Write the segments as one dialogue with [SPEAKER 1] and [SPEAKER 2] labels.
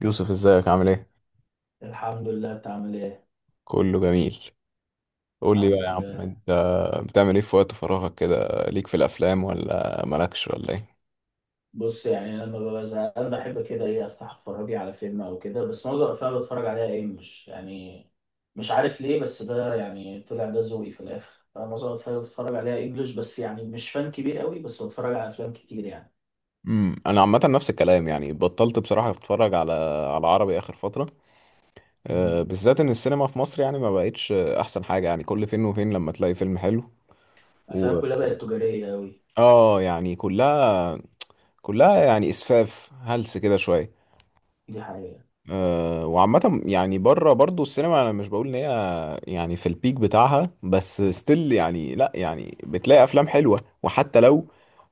[SPEAKER 1] يوسف، ازيك عامل ايه؟
[SPEAKER 2] الحمد لله، انت عامل ايه؟
[SPEAKER 1] كله جميل. قول لي بقى
[SPEAKER 2] الحمد
[SPEAKER 1] يا عم
[SPEAKER 2] لله.
[SPEAKER 1] انت، بتعمل ايه في وقت فراغك كده؟ ليك في الافلام ولا مالكش ولا ايه؟
[SPEAKER 2] بص، يعني انا لما ببقى زهقان بحب كده ايه افتح اتفرج لي على فيلم او كده، بس معظم الافلام اللي بتفرج عليها انجلش، يعني مش عارف ليه. بس ده يعني طلع ده ذوقي في الاخر، انا معظم الافلام اللي بتفرج عليها انجلش، بس يعني مش فان كبير قوي، بس بتفرج على افلام كتير يعني.
[SPEAKER 1] انا عامه نفس الكلام، يعني بطلت بصراحه اتفرج على عربي اخر فتره.
[SPEAKER 2] مهم.
[SPEAKER 1] بالذات ان السينما في مصر يعني ما بقتش احسن حاجه، يعني كل فين وفين لما تلاقي فيلم حلو.
[SPEAKER 2] افلام
[SPEAKER 1] و
[SPEAKER 2] كلها بقت تجاريه قوي.
[SPEAKER 1] اه، يعني كلها يعني اسفاف هلس كده شويه.
[SPEAKER 2] دي حقيقه.
[SPEAKER 1] وعامه يعني بره برضو السينما، انا مش بقول ان هي يعني في البيك بتاعها، بس ستيل يعني، لا يعني بتلاقي افلام حلوة، وحتى لو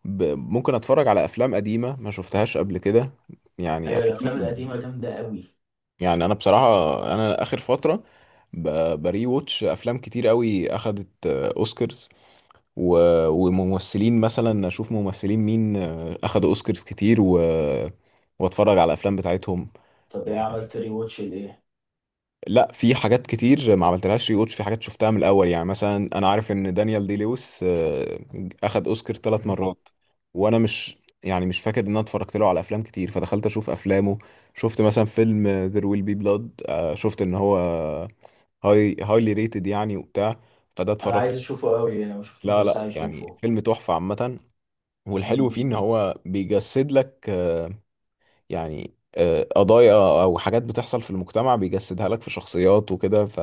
[SPEAKER 1] ممكن اتفرج على افلام قديمة ما شفتهاش قبل كده. يعني
[SPEAKER 2] ايوه الافلام
[SPEAKER 1] افلام،
[SPEAKER 2] القديمه جامده قوي.
[SPEAKER 1] يعني انا بصراحة، انا اخر فترة ب... بري ووتش افلام كتير قوي، اخدت اوسكارز، و... وممثلين مثلا اشوف ممثلين مين اخدوا اوسكارز كتير واتفرج على الافلام بتاعتهم.
[SPEAKER 2] طب ايه
[SPEAKER 1] يعني
[SPEAKER 2] عملت ري واتش لايه؟
[SPEAKER 1] لا، في حاجات كتير ما عملتلهاش ري واتش، في حاجات شفتها من الاول. يعني مثلا انا عارف ان دانيال دي لويس اخد اوسكار ثلاث
[SPEAKER 2] مهم.
[SPEAKER 1] مرات وانا مش، يعني مش فاكر ان انا اتفرجت له على افلام كتير، فدخلت اشوف افلامه. شفت مثلا فيلم ذير ويل بي بلاد، شفت ان هو هايلي ريتد يعني وبتاع، فده
[SPEAKER 2] انا
[SPEAKER 1] اتفرجت.
[SPEAKER 2] عايز اشوفه قوي، انا ما شفتوش
[SPEAKER 1] لا
[SPEAKER 2] بس
[SPEAKER 1] لا،
[SPEAKER 2] عايز
[SPEAKER 1] يعني
[SPEAKER 2] اشوفه.
[SPEAKER 1] فيلم تحفة عامة. والحلو
[SPEAKER 2] مهم.
[SPEAKER 1] فيه ان هو بيجسد لك، يعني قضايا او حاجات بتحصل في المجتمع، بيجسدها لك في شخصيات وكده. ف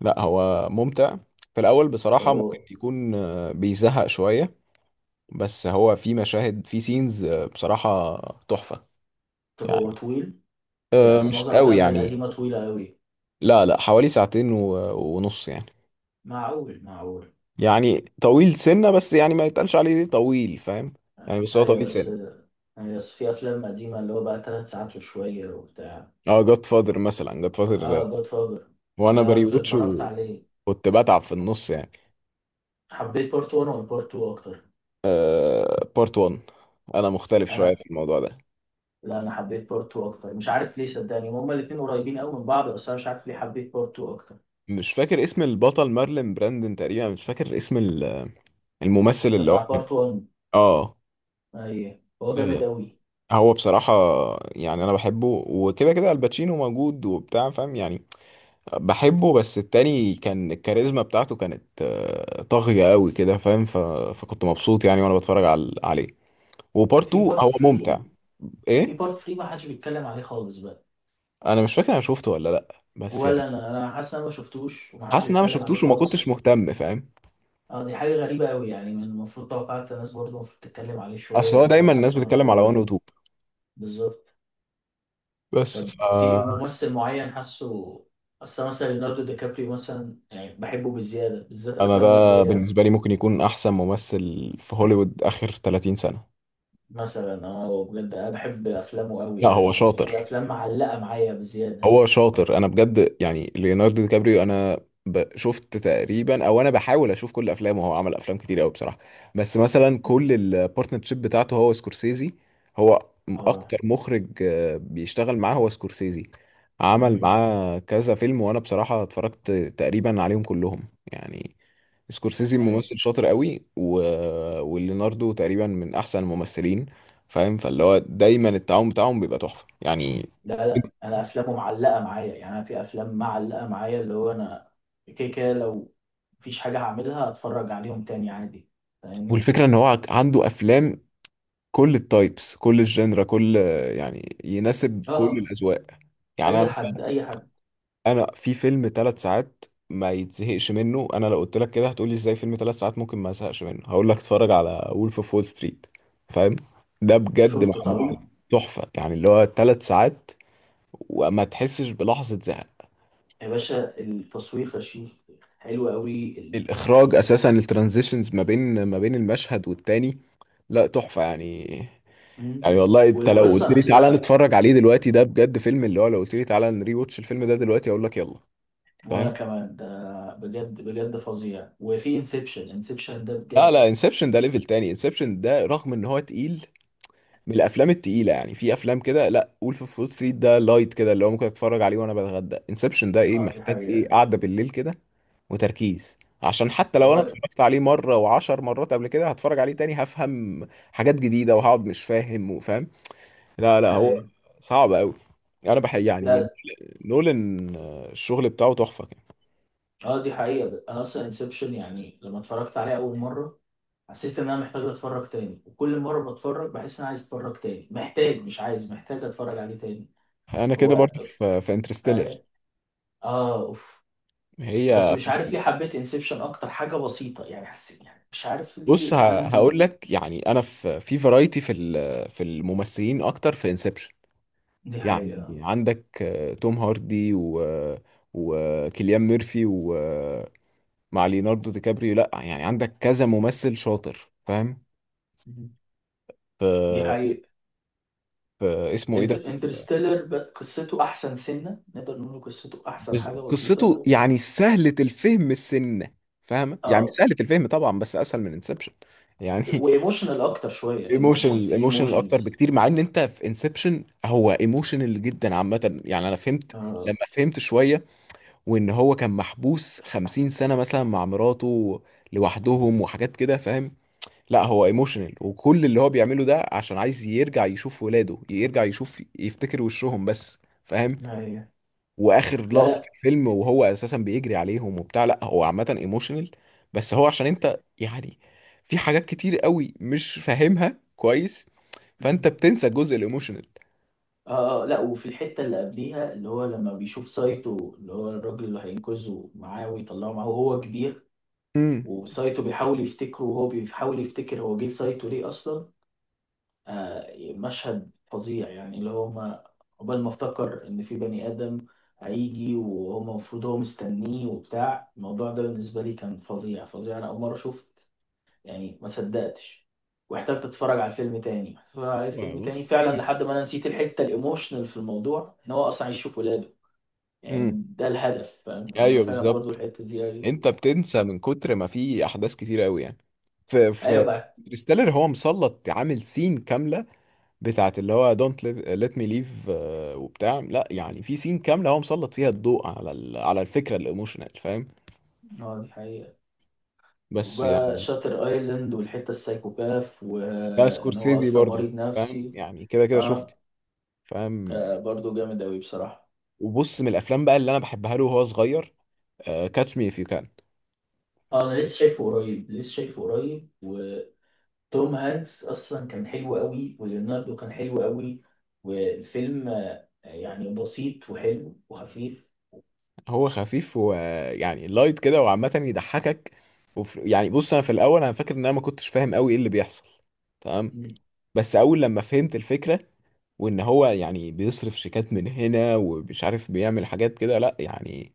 [SPEAKER 1] لا هو ممتع، في الاول
[SPEAKER 2] طب
[SPEAKER 1] بصراحة
[SPEAKER 2] هو
[SPEAKER 1] ممكن يكون بيزهق شوية، بس هو في مشاهد، في سينز بصراحة تحفة.
[SPEAKER 2] طب هو
[SPEAKER 1] يعني
[SPEAKER 2] طويل؟ زي أصل
[SPEAKER 1] مش
[SPEAKER 2] معظم
[SPEAKER 1] قوي
[SPEAKER 2] الأفلام القديمة
[SPEAKER 1] يعني،
[SPEAKER 2] طويلة أوي.
[SPEAKER 1] لا لا، حوالي ساعتين و- ونص يعني.
[SPEAKER 2] معقول معقول.
[SPEAKER 1] يعني طويل سنة، بس يعني ما يتقالش عليه طويل، فاهم؟ يعني بس هو
[SPEAKER 2] أيوة
[SPEAKER 1] طويل
[SPEAKER 2] بس.
[SPEAKER 1] سنة.
[SPEAKER 2] أيوة بس في أفلام قديمة اللي هو بقى تلات ساعات وشوية وبتاع.
[SPEAKER 1] اه، جاد فاذر مثلا، جاد فاذر،
[SPEAKER 2] آه جود فاذر.
[SPEAKER 1] وانا
[SPEAKER 2] أنا
[SPEAKER 1] بريوتش
[SPEAKER 2] اتفرجت عليه.
[SPEAKER 1] وكنت بتعب في النص يعني.
[SPEAKER 2] حبيت بارت 1 ولا بارت 2 أكتر؟
[SPEAKER 1] آه، بارت 1. انا مختلف شويه في
[SPEAKER 2] أنا
[SPEAKER 1] الموضوع ده.
[SPEAKER 2] لا أنا حبيت بارت 2 أكتر، مش عارف ليه، صدقني هما الاتنين قريبين أوي من بعض، بس أنا مش عارف ليه حبيت بارت 2 أكتر.
[SPEAKER 1] مش فاكر اسم البطل، مارلين براندن تقريبا، مش فاكر اسم الممثل
[SPEAKER 2] ده
[SPEAKER 1] اللي هو
[SPEAKER 2] بتاع
[SPEAKER 1] كان.
[SPEAKER 2] بارت 1.
[SPEAKER 1] اه.
[SPEAKER 2] أيوة هو جامد
[SPEAKER 1] آه،
[SPEAKER 2] أوي.
[SPEAKER 1] هو بصراحه، يعني انا بحبه، وكده كده الباتشينو موجود وبتاع، فاهم يعني. بحبه، بس التاني كان الكاريزما بتاعته كانت طاغيه قوي كده، فاهم؟ فكنت مبسوط يعني وانا بتفرج عليه. وبارت 2
[SPEAKER 2] في بارت
[SPEAKER 1] هو ممتع.
[SPEAKER 2] 3
[SPEAKER 1] ايه؟
[SPEAKER 2] في بارت 3 ما حدش بيتكلم عليه خالص بقى.
[SPEAKER 1] انا مش فاكر انا شفته ولا لا، بس يعني
[SPEAKER 2] ولا أنا. أنا حاسس إن أنا ما شفتوش وما حدش
[SPEAKER 1] حاسس ان انا ما
[SPEAKER 2] بيتكلم عليه
[SPEAKER 1] شفتوش وما كنتش
[SPEAKER 2] خالص.
[SPEAKER 1] مهتم، فاهم؟
[SPEAKER 2] اه دي حاجة غريبة أوي، يعني من المفروض توقعت الناس برضه المفروض تتكلم عليه
[SPEAKER 1] اصل
[SPEAKER 2] شوية
[SPEAKER 1] هو
[SPEAKER 2] وبتاع،
[SPEAKER 1] دايما
[SPEAKER 2] بس
[SPEAKER 1] الناس
[SPEAKER 2] استغربت
[SPEAKER 1] بتتكلم على وان
[SPEAKER 2] أوي.
[SPEAKER 1] وتو.
[SPEAKER 2] بالظبط.
[SPEAKER 1] بس
[SPEAKER 2] طب
[SPEAKER 1] فانا،
[SPEAKER 2] في ممثل معين حاسه. أصل مثلا ليوناردو دي كابريو مثلا يعني بحبه بالزيادة، بالذات أفلامه
[SPEAKER 1] ده
[SPEAKER 2] اللي هي.
[SPEAKER 1] بالنسبه لي ممكن يكون احسن ممثل في هوليوود اخر 30 سنه.
[SPEAKER 2] مثلا اه بجد أنا بحب أفلامه أوي،
[SPEAKER 1] لا هو
[SPEAKER 2] يعني في
[SPEAKER 1] شاطر،
[SPEAKER 2] أفلام معلقة معايا بزيادة.
[SPEAKER 1] هو شاطر، انا بجد يعني ليوناردو دي كابريو، انا شفت تقريبا، او انا بحاول اشوف كل افلامه. هو عمل افلام كتير قوي بصراحه. بس مثلا
[SPEAKER 2] مم.
[SPEAKER 1] كل البارتنرشيب بتاعته هو سكورسيزي، هو
[SPEAKER 2] اه.
[SPEAKER 1] اكتر مخرج بيشتغل معاه هو سكورسيزي، عمل
[SPEAKER 2] مم.
[SPEAKER 1] معاه كذا فيلم، وانا بصراحه اتفرجت تقريبا عليهم كلهم يعني. سكورسيزي
[SPEAKER 2] أي.
[SPEAKER 1] ممثل شاطر قوي، وليوناردو تقريبا من احسن الممثلين، فاهم؟ فاللي هو دايما التعاون بتاعهم بيبقى تحفه يعني.
[SPEAKER 2] لا لا أنا أفلامه معلقة معايا، يعني أنا في أفلام معلقة معايا اللي هو أنا. كده كده لو مفيش حاجة هعملها هتفرج عليهم تاني عادي. فاهمني.
[SPEAKER 1] والفكرة ان هو عنده افلام، كل التايبس، كل الجنرا، كل، يعني يناسب كل
[SPEAKER 2] اه.
[SPEAKER 1] الاذواق. يعني انا
[SPEAKER 2] اي حد
[SPEAKER 1] مثلا،
[SPEAKER 2] اي حد.
[SPEAKER 1] انا في فيلم 3 ساعات ما يتزهقش منه. انا لو قلت لك كده هتقولي ازاي فيلم 3 ساعات ممكن ما ازهقش منه؟ هقول لك اتفرج على وولف اوف وول ستريت، فاهم؟ ده بجد
[SPEAKER 2] شفته
[SPEAKER 1] معمول
[SPEAKER 2] طبعا.
[SPEAKER 1] تحفة يعني، اللي هو 3 ساعات وما تحسش بلحظة زهق.
[SPEAKER 2] يا باشا التصوير فشيخ. حلو قوي
[SPEAKER 1] الاخراج
[SPEAKER 2] يعني.
[SPEAKER 1] اساسا، الترانزيشنز ما بين المشهد والتاني، لا تحفة يعني.
[SPEAKER 2] مم.
[SPEAKER 1] يعني والله انت لو قلت
[SPEAKER 2] والقصه
[SPEAKER 1] يعني لي تعالى
[SPEAKER 2] نفسها.
[SPEAKER 1] نتفرج عليه دلوقتي، ده بجد فيلم، اللي هو لو قلت لي تعالى نري واتش الفيلم ده دلوقتي، اقول لك يلا. فاهم؟
[SPEAKER 2] وانا كمان ده، بجد بجد فظيع. وفي انسبشن. انسبشن ده
[SPEAKER 1] لا
[SPEAKER 2] بجد.
[SPEAKER 1] لا، انسبشن ده ليفل تاني. انسبشن ده رغم ان هو تقيل، من الافلام التقيله يعني. في افلام كده، لا، وولف اوف وول ستريت ده لايت كده، اللي هو ممكن اتفرج عليه وانا بتغدى. انسبشن ده ايه،
[SPEAKER 2] اه دي
[SPEAKER 1] محتاج ايه،
[SPEAKER 2] حقيقه.
[SPEAKER 1] قعده بالليل كده وتركيز، عشان حتى لو انا
[SPEAKER 2] هو.
[SPEAKER 1] اتفرجت عليه مره وعشر مرات قبل كده، هتفرج عليه تاني هفهم حاجات جديده، وهقعد مش فاهم وفاهم. لا لا، هو
[SPEAKER 2] ايوه.
[SPEAKER 1] صعب قوي، انا بحب يعني
[SPEAKER 2] لا.
[SPEAKER 1] نولان. الشغل بتاعه تحفة كان.
[SPEAKER 2] اه دي حقيقه، انا اصلا انسبشن يعني لما اتفرجت عليه اول مره حسيت ان انا محتاج اتفرج تاني، وكل مره بتفرج بحس ان انا عايز اتفرج تاني، محتاج، مش عايز، محتاج اتفرج عليه تاني.
[SPEAKER 1] انا
[SPEAKER 2] هو.
[SPEAKER 1] كده برضه في انترستيلر.
[SPEAKER 2] اه. آه، اوف. بس
[SPEAKER 1] هي
[SPEAKER 2] مش عارف ليه حبيت انسبشن اكتر، حاجه بسيطه يعني، حسيت يعني مش عارف
[SPEAKER 1] بص،
[SPEAKER 2] ليه
[SPEAKER 1] هقول
[SPEAKER 2] عندي.
[SPEAKER 1] لك يعني، انا في فرايتي في في الممثلين اكتر في انسبشن.
[SPEAKER 2] دي
[SPEAKER 1] يعني
[SPEAKER 2] حقيقه.
[SPEAKER 1] عندك توم هاردي، وكيليان ميرفي، ليوناردو دي كابريو، لا يعني عندك كذا ممثل شاطر، فاهم؟
[SPEAKER 2] مهم.
[SPEAKER 1] في
[SPEAKER 2] دي حقيقه.
[SPEAKER 1] في اسمه ايه ده،
[SPEAKER 2] انترستيلر قصته احسن سنه، نقدر نقول قصته احسن حاجه بسيطه.
[SPEAKER 1] قصته يعني سهلة الفهم السنة، فاهمة يعني، مش
[SPEAKER 2] اه.
[SPEAKER 1] سهلة الفهم طبعا، بس اسهل من انسبشن يعني
[SPEAKER 2] وايموشنال اكتر شويه، ايموشنال
[SPEAKER 1] ايموشنال،
[SPEAKER 2] في
[SPEAKER 1] ايموشنال اكتر
[SPEAKER 2] ايموشنز.
[SPEAKER 1] بكتير، مع ان انت في انسبشن هو ايموشنال جدا عامه. يعني انا فهمت لما
[SPEAKER 2] اه.
[SPEAKER 1] فهمت شويه، وان هو كان محبوس 50 سنه مثلا مع مراته لوحدهم وحاجات كده، فاهم؟ لا هو ايموشنال، وكل اللي هو بيعمله ده عشان عايز يرجع يشوف ولاده، يرجع يشوف يفتكر وشهم بس، فاهم؟
[SPEAKER 2] ايوه.
[SPEAKER 1] واخر
[SPEAKER 2] لا
[SPEAKER 1] لقطه في
[SPEAKER 2] لا.
[SPEAKER 1] الفيلم، وهو اساسا بيجري عليهم وبتاع، لا هو عامه ايموشنال. بس هو عشان انت يعني في حاجات كتير قوي مش فاهمها كويس، فانت بتنسى الجزء الايموشنال.
[SPEAKER 2] اه. لا وفي الحته اللي قبليها اللي هو لما بيشوف سايتو اللي هو الراجل اللي هينقذه معاه ويطلعه معاه وهو كبير،
[SPEAKER 1] امم
[SPEAKER 2] وسايتو بيحاول يفتكره وهو بيحاول يفتكر هو جه سايتو ليه اصلا. مشهد فظيع يعني اللي هو ما قبل ما افتكر ان في بني ادم هيجي وهو المفروض هو مستنيه وبتاع، الموضوع ده بالنسبه لي كان فظيع فظيع، انا اول مره شفت يعني ما صدقتش، واحتجت اتفرج على الفيلم تاني اتفرج على الفيلم تاني
[SPEAKER 1] بص،
[SPEAKER 2] فعلا
[SPEAKER 1] في
[SPEAKER 2] لحد ما انا نسيت الحته الايموشنال في الموضوع ان هو اصلا يشوف ولاده،
[SPEAKER 1] امم
[SPEAKER 2] يعني ده الهدف فاهم. انا
[SPEAKER 1] ايوه
[SPEAKER 2] فعلا برضو
[SPEAKER 1] بالظبط.
[SPEAKER 2] الحته دي ايوه.
[SPEAKER 1] انت بتنسى من كتر ما في احداث كتير قوي يعني. في
[SPEAKER 2] ايوه
[SPEAKER 1] في
[SPEAKER 2] بقى.
[SPEAKER 1] انترستيلر هو مسلط عامل سين كامله بتاعت اللي هو دونت ليت مي ليف، وبتاع. لا يعني في سين كامله هو مسلط فيها الضوء على الفكره الايموشنال، فاهم؟
[SPEAKER 2] اه دي حقيقه.
[SPEAKER 1] بس
[SPEAKER 2] وبقى
[SPEAKER 1] يعني،
[SPEAKER 2] شاتر ايلاند والحته السايكوباث
[SPEAKER 1] ده
[SPEAKER 2] وان هو
[SPEAKER 1] سكورسيزي
[SPEAKER 2] اصلا
[SPEAKER 1] برضو،
[SPEAKER 2] مريض
[SPEAKER 1] فاهم؟
[SPEAKER 2] نفسي.
[SPEAKER 1] يعني كده كده شفته،
[SPEAKER 2] اه.
[SPEAKER 1] فاهم؟
[SPEAKER 2] ده برضه جامد أوي بصراحة.
[SPEAKER 1] وبص، من الافلام بقى اللي انا بحبها له وهو صغير، كاتش مي اف يو كان.
[SPEAKER 2] اه انا لسه شايفه قريب لسه شايفه قريب، وتوم هانكس اصلا كان حلو أوي، وليوناردو كان حلو أوي. والفيلم يعني بسيط وحلو وخفيف.
[SPEAKER 1] هو خفيف، ويعني لايت كده، وعامه يضحكك. يعني بص، انا في الاول انا فاكر ان انا ما كنتش فاهم قوي ايه اللي بيحصل. تمام.
[SPEAKER 2] مم.
[SPEAKER 1] بس اول لما فهمت الفكره، وان هو يعني بيصرف شيكات من هنا ومش عارف بيعمل حاجات كده، لا يعني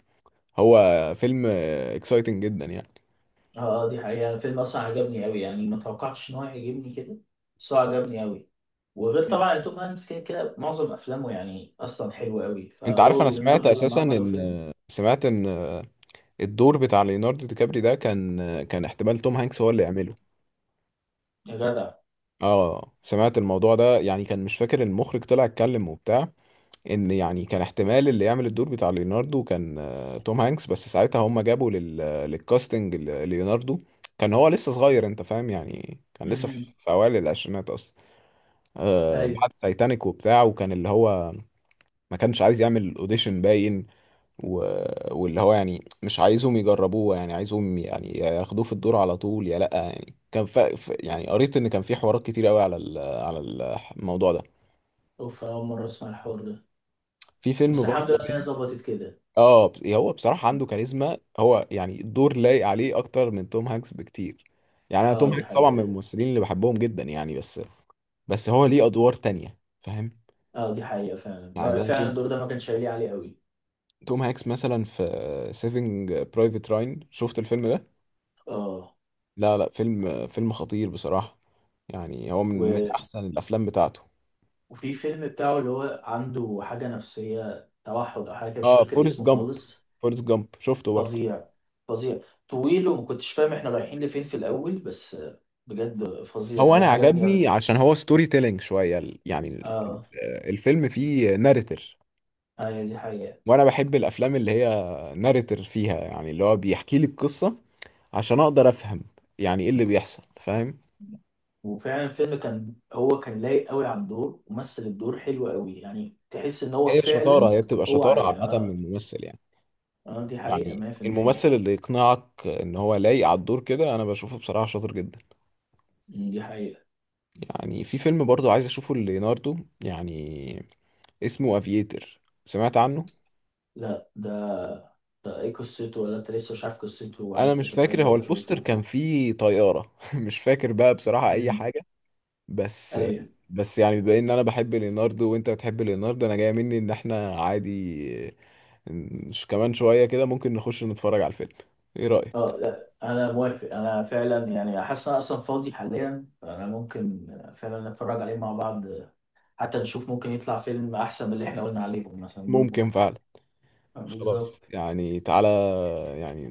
[SPEAKER 1] هو فيلم اكسايتنج جدا يعني.
[SPEAKER 2] اه. دي حقيقة، الفيلم اصلا عجبني أوي، يعني ما توقعتش ان هو يعجبني كده، بس هو عجبني أوي. وغير طبعا إن توم هانكس كده كده معظم افلامه يعني اصلا حلوة أوي،
[SPEAKER 1] انت
[SPEAKER 2] فهو
[SPEAKER 1] عارف انا سمعت
[SPEAKER 2] وليوناردو لما
[SPEAKER 1] اساسا
[SPEAKER 2] عملوا
[SPEAKER 1] ان
[SPEAKER 2] فيلم.
[SPEAKER 1] سمعت ان الدور بتاع ليوناردو دي كابري ده كان، كان احتمال توم هانكس هو اللي يعمله.
[SPEAKER 2] يا جدع.
[SPEAKER 1] اه، سمعت الموضوع ده يعني، كان مش فاكر المخرج طلع اتكلم وبتاع، ان يعني كان احتمال اللي يعمل الدور بتاع ليوناردو كان توم هانكس. بس ساعتها هم جابوا للكاستنج ليوناردو، كان هو لسه صغير، انت فاهم؟ يعني كان لسه في
[SPEAKER 2] امم.
[SPEAKER 1] في اوائل العشرينات اصلا. آه،
[SPEAKER 2] ايوه.
[SPEAKER 1] بعد تايتانيك وبتاع، وكان اللي هو ما كانش عايز يعمل اوديشن باين و... واللي هو يعني مش عايزهم يجربوه، يعني عايزهم يعني ياخدوه في الدور على طول، يا لأ يعني. كان يعني قريت إن كان في حوارات كتير قوي على الموضوع ده.
[SPEAKER 2] اوف، أنا اول مرة اسمع الحوار ده.
[SPEAKER 1] في فيلم
[SPEAKER 2] بس
[SPEAKER 1] برضه
[SPEAKER 2] الحمد لله ان هي
[SPEAKER 1] تاني.
[SPEAKER 2] ظبطت كده.
[SPEAKER 1] اه، هو بصراحة
[SPEAKER 2] اه.
[SPEAKER 1] عنده كاريزما، هو يعني الدور لايق عليه أكتر من توم هانكس بكتير. يعني أنا توم
[SPEAKER 2] دي
[SPEAKER 1] هانكس طبعا من
[SPEAKER 2] حقيقة.
[SPEAKER 1] الممثلين اللي بحبهم جدا يعني، بس. بس هو ليه أدوار تانية، فاهم؟
[SPEAKER 2] اه دي حقيقة، فعلا
[SPEAKER 1] يعني أنا
[SPEAKER 2] فعلا
[SPEAKER 1] توم
[SPEAKER 2] الدور ده ما كانش هيليق عليه قوي.
[SPEAKER 1] توم هانكس مثلا في سيفنج برايفت راين، شفت الفيلم ده؟
[SPEAKER 2] اه.
[SPEAKER 1] لا لا، فيلم خطير بصراحة، يعني هو من
[SPEAKER 2] و...
[SPEAKER 1] أحسن الأفلام بتاعته.
[SPEAKER 2] وفي فيلم بتاعه اللي هو عنده حاجة نفسية توحد او حاجة، مش
[SPEAKER 1] اه،
[SPEAKER 2] فاكر
[SPEAKER 1] فورست
[SPEAKER 2] اسمه
[SPEAKER 1] جامب،
[SPEAKER 2] خالص.
[SPEAKER 1] فورست جامب شفته برضه.
[SPEAKER 2] فظيع. فظيع. طويل وما كنتش فاهم احنا رايحين لفين في الاول، بس بجد فظيع
[SPEAKER 1] هو
[SPEAKER 2] يعني
[SPEAKER 1] أنا
[SPEAKER 2] عجبني
[SPEAKER 1] عجبني
[SPEAKER 2] قوي.
[SPEAKER 1] عشان هو ستوري تيلينج شوية، يعني
[SPEAKER 2] اه.
[SPEAKER 1] الفيلم فيه ناريتور.
[SPEAKER 2] ايوه دي حقيقة.
[SPEAKER 1] وأنا بحب الأفلام اللي هي ناريتور فيها يعني، اللي هو بيحكي لي القصة عشان أقدر أفهم، يعني إيه اللي بيحصل، فاهم؟
[SPEAKER 2] وفعلا الفيلم كان هو كان لايق قوي على الدور، ومثل الدور حلو قوي، يعني تحس ان هو
[SPEAKER 1] هي شطارة،
[SPEAKER 2] فعلا.
[SPEAKER 1] هي بتبقى
[SPEAKER 2] هو
[SPEAKER 1] شطارة عامة من
[SPEAKER 2] اه.
[SPEAKER 1] الممثل يعني.
[SPEAKER 2] اه دي حقيقة
[SPEAKER 1] يعني
[SPEAKER 2] 100%.
[SPEAKER 1] الممثل اللي يقنعك إن هو لايق على الدور كده، أنا بشوفه بصراحة شاطر جدا.
[SPEAKER 2] دي حقيقة.
[SPEAKER 1] يعني في فيلم برضو عايز اشوفه ليوناردو يعني، اسمه افييتر، سمعت عنه؟
[SPEAKER 2] لا ده. ده ايه قصته؟ ولا انت لسه مش عارف قصته
[SPEAKER 1] انا
[SPEAKER 2] وعايز
[SPEAKER 1] مش فاكر،
[SPEAKER 2] تتفاجأ
[SPEAKER 1] هو البوستر
[SPEAKER 2] وتشوفه؟
[SPEAKER 1] كان فيه طيارة مش فاكر بقى بصراحة اي
[SPEAKER 2] امم.
[SPEAKER 1] حاجة. بس
[SPEAKER 2] ايوه.
[SPEAKER 1] بس يعني، بما ان انا بحب ليوناردو وانت بتحب ليوناردو، انا جاي مني ان احنا عادي مش كمان شوية كده ممكن نخش نتفرج على الفيلم. ايه رأيك؟
[SPEAKER 2] اه لا انا موافق، انا فعلا يعني حاسس ان انا اصلا فاضي حاليا انا ممكن فعلا نتفرج عليه مع بعض، حتى نشوف ممكن يطلع فيلم احسن من اللي احنا قلنا عليهم مثلا، ممكن.
[SPEAKER 1] ممكن فعلا. خلاص
[SPEAKER 2] بالظبط.
[SPEAKER 1] يعني، تعالى يعني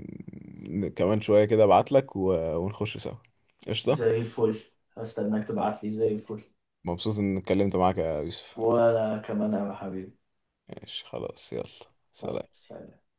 [SPEAKER 1] كمان شوية كده ابعتلك، و- ونخش سوا. قشطة.
[SPEAKER 2] زي الفل. هستناك تبعت لي، زي الفل.
[SPEAKER 1] مبسوط اني اتكلمت معاك يا يوسف.
[SPEAKER 2] وانا كمان يا حبيبي.
[SPEAKER 1] ماشي خلاص، يلا، سلام.
[SPEAKER 2] خلاص.